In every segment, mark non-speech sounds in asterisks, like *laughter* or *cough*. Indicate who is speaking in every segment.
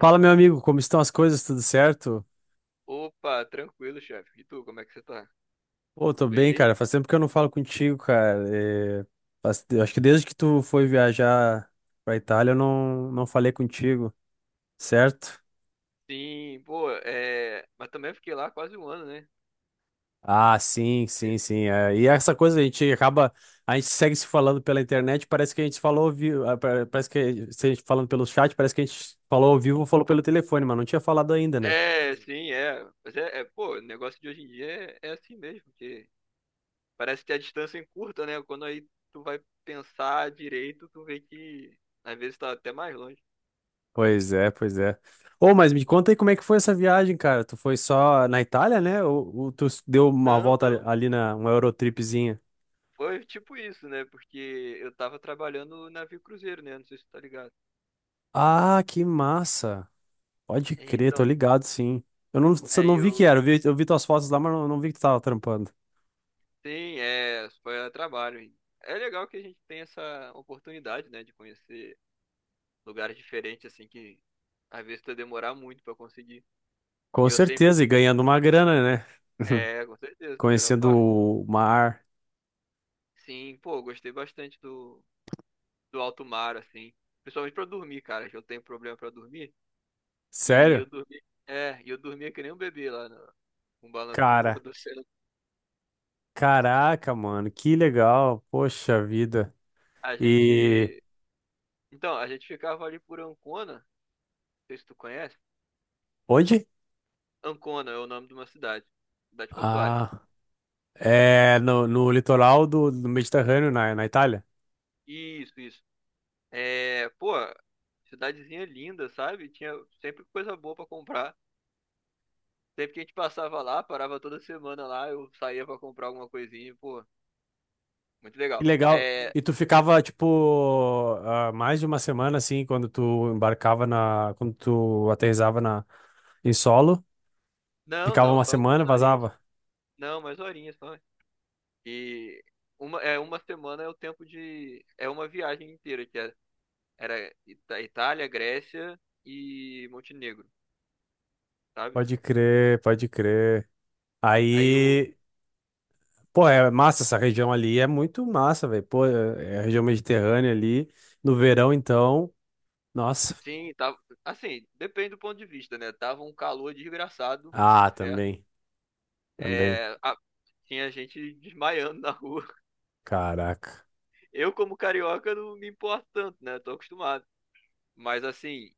Speaker 1: Fala, meu amigo, como estão as coisas? Tudo certo?
Speaker 2: Opa, tranquilo, chefe. E tu, como é que você tá?
Speaker 1: Pô,
Speaker 2: Tudo
Speaker 1: tô
Speaker 2: bem
Speaker 1: bem,
Speaker 2: aí?
Speaker 1: cara. Faz tempo que eu não falo contigo, cara. Eu acho que desde que tu foi viajar pra Itália, eu não falei contigo, certo?
Speaker 2: Sim, pô, é. Mas também fiquei lá quase um ano, né?
Speaker 1: Ah, sim, sim,
Speaker 2: Teve-
Speaker 1: sim. E essa coisa, a gente acaba. A gente segue se falando pela internet, parece que a gente falou ao vivo. Parece que se a gente falando pelo chat, parece que a gente falou ao vivo ou falou pelo telefone, mas não tinha falado ainda, né?
Speaker 2: É, sim, é. Mas pô, o negócio de hoje em dia é assim mesmo, porque parece que a distância é curta, né? Quando aí tu vai pensar direito, tu vê que às vezes tá até mais longe.
Speaker 1: Pois é, pois é. Ô, mas me conta aí como é que foi essa viagem, cara. Tu foi só na Itália, né? Ou tu deu uma
Speaker 2: Não,
Speaker 1: volta ali
Speaker 2: não.
Speaker 1: ali na uma Eurotripzinha?
Speaker 2: Foi tipo isso, né? Porque eu tava trabalhando no navio cruzeiro, né? Não sei se tu tá ligado.
Speaker 1: Ah, que massa. Pode crer, tô
Speaker 2: Então,
Speaker 1: ligado, sim. Eu não, só
Speaker 2: aí
Speaker 1: não vi que
Speaker 2: eu.
Speaker 1: era, eu vi tuas fotos lá, mas não vi que tu tava trampando.
Speaker 2: Sim, é, foi a trabalho. É legal que a gente tem essa oportunidade, né, de conhecer lugares diferentes, assim, que às vezes tu demorar muito pra conseguir. E
Speaker 1: Com
Speaker 2: eu sempre,
Speaker 1: certeza, e ganhando uma grana, né? *laughs*
Speaker 2: é, com certeza, a melhor
Speaker 1: Conhecendo
Speaker 2: parte.
Speaker 1: o mar.
Speaker 2: Sim, pô, gostei bastante do alto mar, assim, principalmente pra dormir, cara, que eu tenho problema pra dormir. E eu
Speaker 1: Sério?
Speaker 2: dormi, é, e eu dormia que nem um bebê lá no balanço
Speaker 1: Cara,
Speaker 2: do oceano.
Speaker 1: caraca, mano, que legal. Poxa vida.
Speaker 2: A
Speaker 1: E
Speaker 2: gente, então, a gente ficava ali por Ancona, não sei se tu conhece.
Speaker 1: onde?
Speaker 2: Ancona é o nome de uma cidade, cidade portuária.
Speaker 1: Ah. É, no litoral do Mediterrâneo, na Itália.
Speaker 2: Isso, isso. É, pô, cidadezinha linda, sabe? Tinha sempre coisa boa pra comprar. Sempre que a gente passava lá, parava toda semana lá, eu saía pra comprar alguma coisinha, pô, muito
Speaker 1: Que
Speaker 2: legal.
Speaker 1: legal.
Speaker 2: É,
Speaker 1: E tu ficava, tipo, mais de uma semana, assim, quando tu embarcava na. Quando tu aterrissava em solo.
Speaker 2: não,
Speaker 1: Ficava
Speaker 2: não,
Speaker 1: uma
Speaker 2: só
Speaker 1: semana,
Speaker 2: algumas horinhas.
Speaker 1: vazava.
Speaker 2: Não, mais horinhas só. E uma, é, uma semana é o tempo de. É uma viagem inteira, que era Itália, Grécia e Montenegro, sabe?
Speaker 1: Pode crer, pode crer.
Speaker 2: Aí o.
Speaker 1: Aí, pô, é massa essa região ali. É muito massa, velho. Pô, é a região mediterrânea ali. No verão, então, nossa.
Speaker 2: Sim, tava. Assim, depende do ponto de vista, né? Tava um calor desgraçado dos
Speaker 1: Ah,
Speaker 2: infernos.
Speaker 1: também, também.
Speaker 2: É, a- Tinha gente desmaiando na rua.
Speaker 1: Caraca.
Speaker 2: *laughs* Eu, como carioca, não me importo tanto, né? Tô acostumado. Mas assim,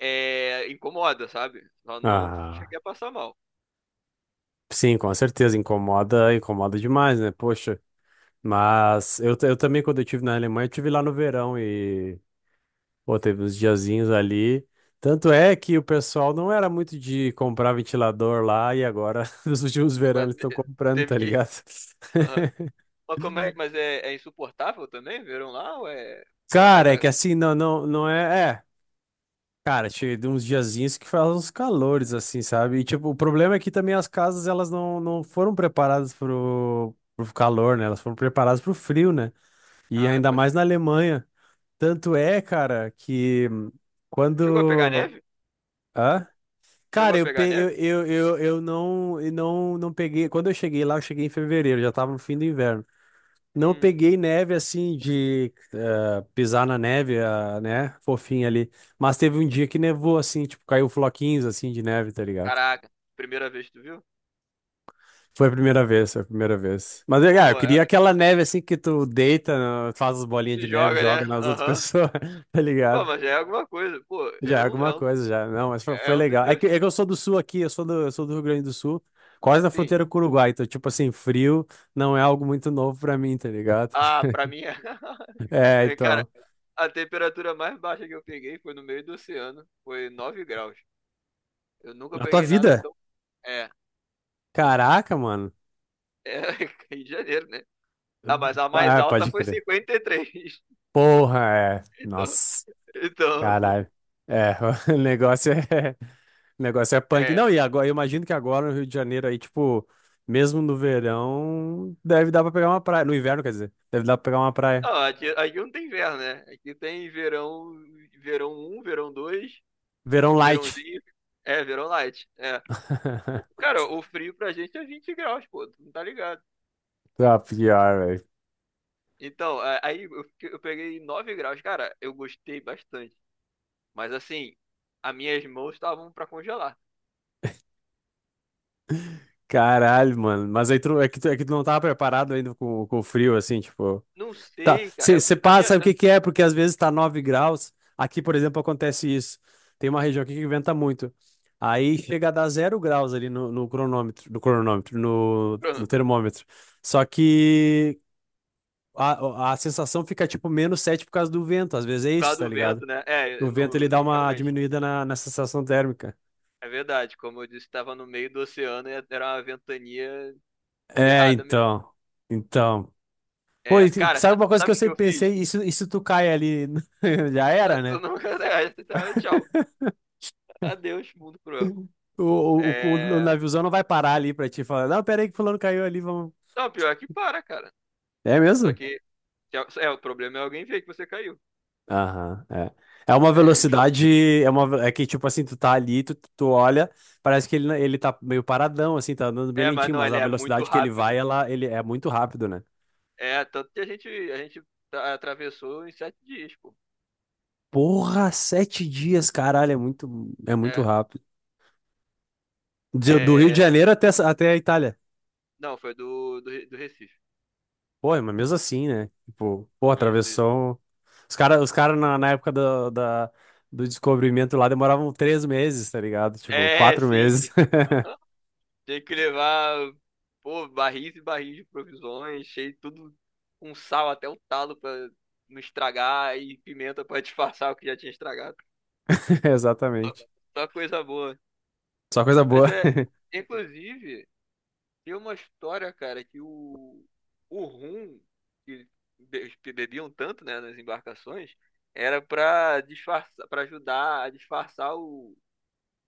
Speaker 2: é, incomoda, sabe? Só não
Speaker 1: Ah.
Speaker 2: cheguei a passar mal.
Speaker 1: Sim, com certeza, incomoda, incomoda demais, né? Poxa, mas eu também, quando eu estive na Alemanha, eu estive lá no verão e, pô, teve uns diazinhos ali. Tanto é que o pessoal não era muito de comprar ventilador lá e agora, *laughs* nos últimos verões, eles estão comprando, tá
Speaker 2: Teve que.
Speaker 1: ligado?
Speaker 2: *laughs* Aham. Mas como é? Mas é, é insuportável também? Verão lá? Ou é, é mais.
Speaker 1: Cara, é
Speaker 2: A-
Speaker 1: que assim, não é. É, cara, tinha de uns diazinhos que faz uns calores, assim, sabe? E, tipo, o problema é que também as casas, elas não foram preparadas pro calor, né? Elas foram preparadas pro frio, né? E
Speaker 2: Ah,
Speaker 1: ainda
Speaker 2: pode
Speaker 1: mais na
Speaker 2: crer.
Speaker 1: Alemanha. Tanto é, cara, que
Speaker 2: Chegou a pegar
Speaker 1: quando.
Speaker 2: neve?
Speaker 1: Hã?
Speaker 2: Chegou
Speaker 1: Cara,
Speaker 2: a
Speaker 1: eu, pe...
Speaker 2: pegar neve?
Speaker 1: eu não peguei. Quando eu cheguei lá, eu cheguei em fevereiro, já tava no fim do inverno. Não
Speaker 2: Hum,
Speaker 1: peguei neve assim de pisar na neve, ah, né? Fofinha ali. Mas teve um dia que nevou, assim, tipo, caiu floquinhos assim de neve, tá ligado?
Speaker 2: caraca. Primeira vez que tu viu?
Speaker 1: Foi a primeira vez, foi a primeira vez. Mas
Speaker 2: Pô,
Speaker 1: eu
Speaker 2: mano,
Speaker 1: queria
Speaker 2: é-
Speaker 1: aquela neve assim que tu deita, faz as bolinhas
Speaker 2: Se
Speaker 1: de neve,
Speaker 2: joga, né?
Speaker 1: joga nas outras
Speaker 2: Aham.
Speaker 1: pessoas, *laughs* tá
Speaker 2: Bom,
Speaker 1: ligado?
Speaker 2: mas já é alguma coisa. Pô, é
Speaker 1: Já é
Speaker 2: um,
Speaker 1: alguma
Speaker 2: é um,
Speaker 1: coisa, já. Não, mas foi,
Speaker 2: é
Speaker 1: foi
Speaker 2: um dos
Speaker 1: legal. É que, é
Speaker 2: meus.
Speaker 1: que eu sou do sul aqui, eu sou do Rio Grande do Sul, quase na
Speaker 2: Sim.
Speaker 1: fronteira com o Uruguai. Então, tipo assim, frio não é algo muito novo pra mim, tá ligado?
Speaker 2: Ah,
Speaker 1: *laughs*
Speaker 2: pra mim é.
Speaker 1: É,
Speaker 2: *laughs* Cara,
Speaker 1: então.
Speaker 2: a temperatura mais baixa que eu peguei foi no meio do oceano. Foi 9 graus. Eu nunca
Speaker 1: Na tua
Speaker 2: peguei nada
Speaker 1: vida?
Speaker 2: tão. É, sim.
Speaker 1: Caraca, mano.
Speaker 2: É, *laughs* Rio de Janeiro, né? Ah, mas a mais
Speaker 1: Ah,
Speaker 2: alta
Speaker 1: pode
Speaker 2: foi
Speaker 1: crer.
Speaker 2: 53. *laughs*
Speaker 1: Porra, é.
Speaker 2: Então,
Speaker 1: Nossa,
Speaker 2: então
Speaker 1: caralho. É, *laughs* o negócio é. *laughs* O negócio é punk.
Speaker 2: é.
Speaker 1: Não, e agora, eu imagino que agora no Rio de Janeiro aí, tipo, mesmo no verão, deve dar pra pegar uma praia. No inverno, quer dizer, deve dar pra pegar uma praia.
Speaker 2: Não, aqui, aqui não tem inverno, né? Aqui tem verão, verão um, verão 2,
Speaker 1: Verão light.
Speaker 2: verãozinho. É, verão light. É. O-
Speaker 1: *laughs*
Speaker 2: Cara, o frio pra gente é 20 graus, pô. Tu não tá ligado?
Speaker 1: Tá pior, velho.
Speaker 2: Então, eu peguei 9 graus. Cara, eu gostei bastante. Mas assim, as minhas mãos estavam pra congelar.
Speaker 1: Caralho, mano. Mas aí tu, é que tu não tava preparado ainda com o frio, assim, tipo.
Speaker 2: Não
Speaker 1: Tá,
Speaker 2: sei, cara. É
Speaker 1: você
Speaker 2: porque a
Speaker 1: passa,
Speaker 2: minha,
Speaker 1: sabe o
Speaker 2: é
Speaker 1: que que é? Porque às vezes tá 9 graus. Aqui, por exemplo, acontece isso. Tem uma região aqui que venta muito. Aí chega a dar 0 graus ali no cronômetro, no cronômetro, no
Speaker 2: por
Speaker 1: termômetro. Só que a sensação fica tipo -7 por causa do vento. Às vezes é
Speaker 2: causa
Speaker 1: isso, tá
Speaker 2: do
Speaker 1: ligado?
Speaker 2: vento, né? É,
Speaker 1: O vento
Speaker 2: no,
Speaker 1: ele dá uma
Speaker 2: realmente.
Speaker 1: diminuída na sensação térmica.
Speaker 2: É verdade. Como eu disse, estava no meio do oceano e era uma ventania
Speaker 1: É,
Speaker 2: ferrada mesmo.
Speaker 1: então. Então, pô,
Speaker 2: É,
Speaker 1: e
Speaker 2: cara,
Speaker 1: sabe uma coisa que eu
Speaker 2: sabe o que
Speaker 1: sempre
Speaker 2: eu fiz?
Speaker 1: pensei? Isso tu cai ali, *laughs* já era,
Speaker 2: *laughs* Tu
Speaker 1: né?
Speaker 2: não *laughs* tá, tchau. Adeus, mundo cruel.
Speaker 1: O
Speaker 2: É...
Speaker 1: naviozão não vai parar ali pra ti e falar, não, pera aí que fulano caiu ali, vamos.
Speaker 2: Não, pior é que para, cara.
Speaker 1: É
Speaker 2: Só
Speaker 1: mesmo?
Speaker 2: que é, o problema é alguém ver que você caiu.
Speaker 1: Aham, é. É uma
Speaker 2: *laughs* Então,
Speaker 1: velocidade, é que tipo assim, tu tá ali, tu olha, parece que ele, não- ele tá meio paradão, assim, tá andando bem
Speaker 2: é, mas
Speaker 1: lentinho,
Speaker 2: não,
Speaker 1: mas
Speaker 2: ele
Speaker 1: a
Speaker 2: é muito
Speaker 1: velocidade que ele
Speaker 2: rápido.
Speaker 1: vai, ela, ele é muito rápido, né?
Speaker 2: É, tanto que a gente atravessou em 7 dias, pô.
Speaker 1: Porra, 7 dias, caralho, é muito
Speaker 2: É,
Speaker 1: rápido. Do Rio de
Speaker 2: é,
Speaker 1: Janeiro até, até a Itália.
Speaker 2: não, foi do do Recife.
Speaker 1: Pô, mas mesmo assim, né? Tipo, pô,
Speaker 2: Isso, isso.
Speaker 1: atravessou um. Os cara na época do descobrimento lá demoravam 3 meses, tá ligado? Tipo,
Speaker 2: É, *laughs*
Speaker 1: quatro
Speaker 2: sim.
Speaker 1: meses.
Speaker 2: Tem que levar, pô, barris e barris de provisões, cheio de tudo com sal até o talo pra não estragar e pimenta pra *laughs* disfarçar o que já tinha estragado.
Speaker 1: *laughs*
Speaker 2: Só
Speaker 1: Exatamente.
Speaker 2: só coisa boa.
Speaker 1: Só coisa
Speaker 2: Mas
Speaker 1: boa.
Speaker 2: é,
Speaker 1: *laughs*
Speaker 2: inclusive, tem uma história, cara, que o rum que bebiam tanto, né, nas embarcações, era pra disfarçar, para ajudar a disfarçar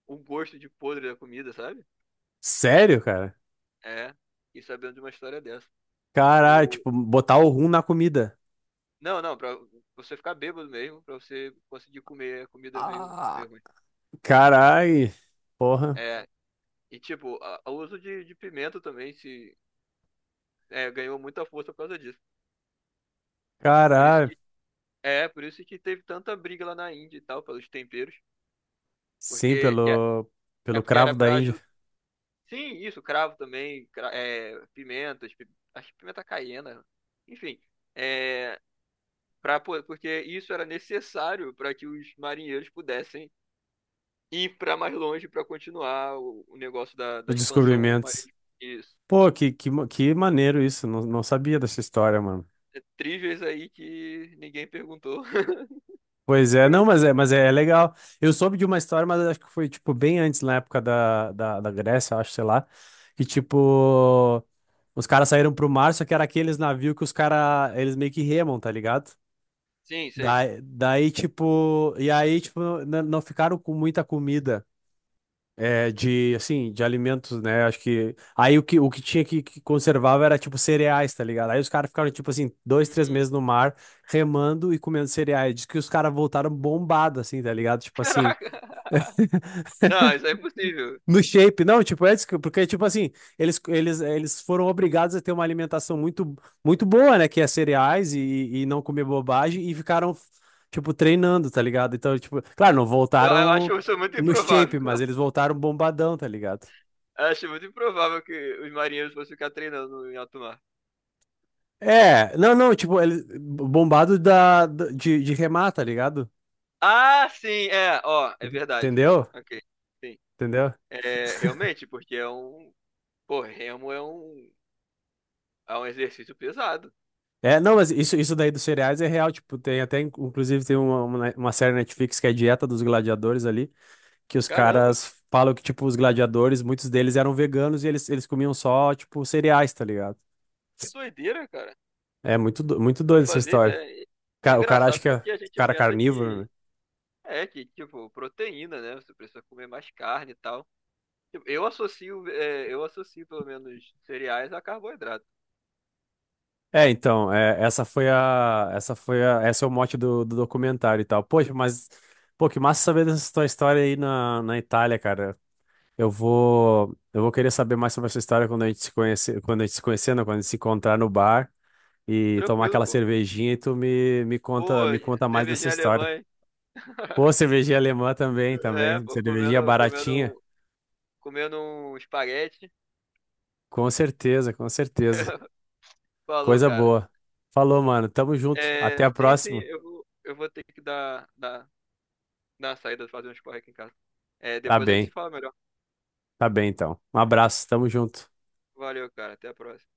Speaker 2: o gosto de podre da comida, sabe?
Speaker 1: Sério, cara?
Speaker 2: É, e sabendo de uma história dessa.
Speaker 1: Caralho,
Speaker 2: O,
Speaker 1: tipo, botar o rum na comida.
Speaker 2: não, não, pra você ficar bêbado mesmo, pra você conseguir comer a comida meio,
Speaker 1: Ah,
Speaker 2: meio ruim.
Speaker 1: caralho. Porra.
Speaker 2: É, e tipo, o uso de pimenta também se é, ganhou muita força por causa disso. Por isso
Speaker 1: Caralho.
Speaker 2: que, é, por isso que teve tanta briga lá na Índia e tal, pelos temperos.
Speaker 1: Sim,
Speaker 2: Porque que é
Speaker 1: pelo,
Speaker 2: é
Speaker 1: pelo
Speaker 2: porque era
Speaker 1: cravo da
Speaker 2: pra
Speaker 1: Índia.
Speaker 2: ajudar. Sim, isso, cravo também, pimentas, acho que pimenta caiena, enfim, é, pra, porque isso era necessário para que os marinheiros pudessem ir para mais longe para continuar o negócio da
Speaker 1: Os
Speaker 2: expansão
Speaker 1: descobrimentos.
Speaker 2: marítima. Isso.
Speaker 1: Pô, que maneiro isso. Não, não sabia dessa história, mano.
Speaker 2: É, trivias aí que ninguém perguntou.
Speaker 1: Pois é, não, mas
Speaker 2: *laughs*
Speaker 1: é, mas é é legal. Eu soube de uma história, mas acho que foi, tipo, bem antes, na época da Grécia, acho, sei lá, que, tipo, os caras saíram pro mar, só que era aqueles navios que os caras, eles meio que remam, tá ligado?
Speaker 2: Sim, sei.
Speaker 1: Daí, tipo, e aí, tipo, não ficaram com muita comida. É, de, assim, de alimentos, né? Acho que. Aí o que tinha que conservava era, tipo, cereais, tá ligado? Aí os caras ficaram, tipo, assim, dois, três
Speaker 2: Hum,
Speaker 1: meses no mar, remando e comendo cereais. Diz que os caras voltaram bombado, assim, tá ligado? Tipo assim.
Speaker 2: caraca. *laughs* Não, isso é impossível.
Speaker 1: No shape, não, tipo, é, isso porque, tipo assim, eles foram obrigados a ter uma alimentação muito, muito boa, né? Que é cereais e não comer bobagem e ficaram, tipo, treinando, tá ligado? Então, tipo, claro, não
Speaker 2: Eu
Speaker 1: voltaram
Speaker 2: acho isso muito
Speaker 1: no
Speaker 2: improvável.
Speaker 1: shape, mas eles voltaram bombadão, tá ligado?
Speaker 2: Acho muito improvável que os marinheiros fossem ficar treinando em alto mar.
Speaker 1: É, não, não, tipo, ele bombado de remar, tá ligado?
Speaker 2: Ah, sim, é, ó, é verdade.
Speaker 1: Entendeu?
Speaker 2: Ok, sim.
Speaker 1: Entendeu?
Speaker 2: É, realmente, porque é um. Pô, remo é um exercício pesado.
Speaker 1: É, não, mas isso daí dos cereais é real, tipo, tem até, inclusive, tem uma série na Netflix que é a Dieta dos Gladiadores ali, que os
Speaker 2: Caramba,
Speaker 1: caras falam que, tipo, os gladiadores, muitos deles eram veganos e eles comiam só, tipo, cereais, tá ligado?
Speaker 2: que doideira, cara.
Speaker 1: É muito
Speaker 2: Não
Speaker 1: doido essa
Speaker 2: fazia
Speaker 1: história.
Speaker 2: ideia. É
Speaker 1: O cara acha
Speaker 2: engraçado
Speaker 1: que é o
Speaker 2: porque a gente
Speaker 1: cara é
Speaker 2: pensa
Speaker 1: carnívoro, né?
Speaker 2: que. É, que, tipo, proteína, né? Você precisa comer mais carne e tal. Tipo, eu associo, eu associo pelo menos cereais a carboidrato.
Speaker 1: É, então, esse é o mote do documentário e tal. Poxa, mas, pô, que massa saber dessa tua história aí na Itália, cara. Eu vou querer saber mais sobre essa história quando a gente se conhecer, quando a gente se conhecer, não, quando a gente se encontrar no bar e tomar
Speaker 2: Tranquilo,
Speaker 1: aquela
Speaker 2: pô.
Speaker 1: cervejinha e tu me
Speaker 2: Pô,
Speaker 1: conta, me conta mais dessa
Speaker 2: cervejinha
Speaker 1: história.
Speaker 2: alemã, hein? *laughs*
Speaker 1: Pô, cervejinha alemã também,
Speaker 2: É,
Speaker 1: também,
Speaker 2: pô,
Speaker 1: cervejinha baratinha.
Speaker 2: comendo um espaguete.
Speaker 1: Com certeza, com certeza.
Speaker 2: *laughs* Falou,
Speaker 1: Coisa
Speaker 2: cara.
Speaker 1: boa. Falou, mano, tamo junto. Até
Speaker 2: É,
Speaker 1: a
Speaker 2: sim, sim,
Speaker 1: próxima.
Speaker 2: eu vou ter que dar uma saída, fazer um esporte aqui em casa. É,
Speaker 1: Tá
Speaker 2: depois a gente se
Speaker 1: bem.
Speaker 2: fala melhor.
Speaker 1: Tá bem, então. Um abraço, tamo junto.
Speaker 2: Valeu, cara. Até a próxima.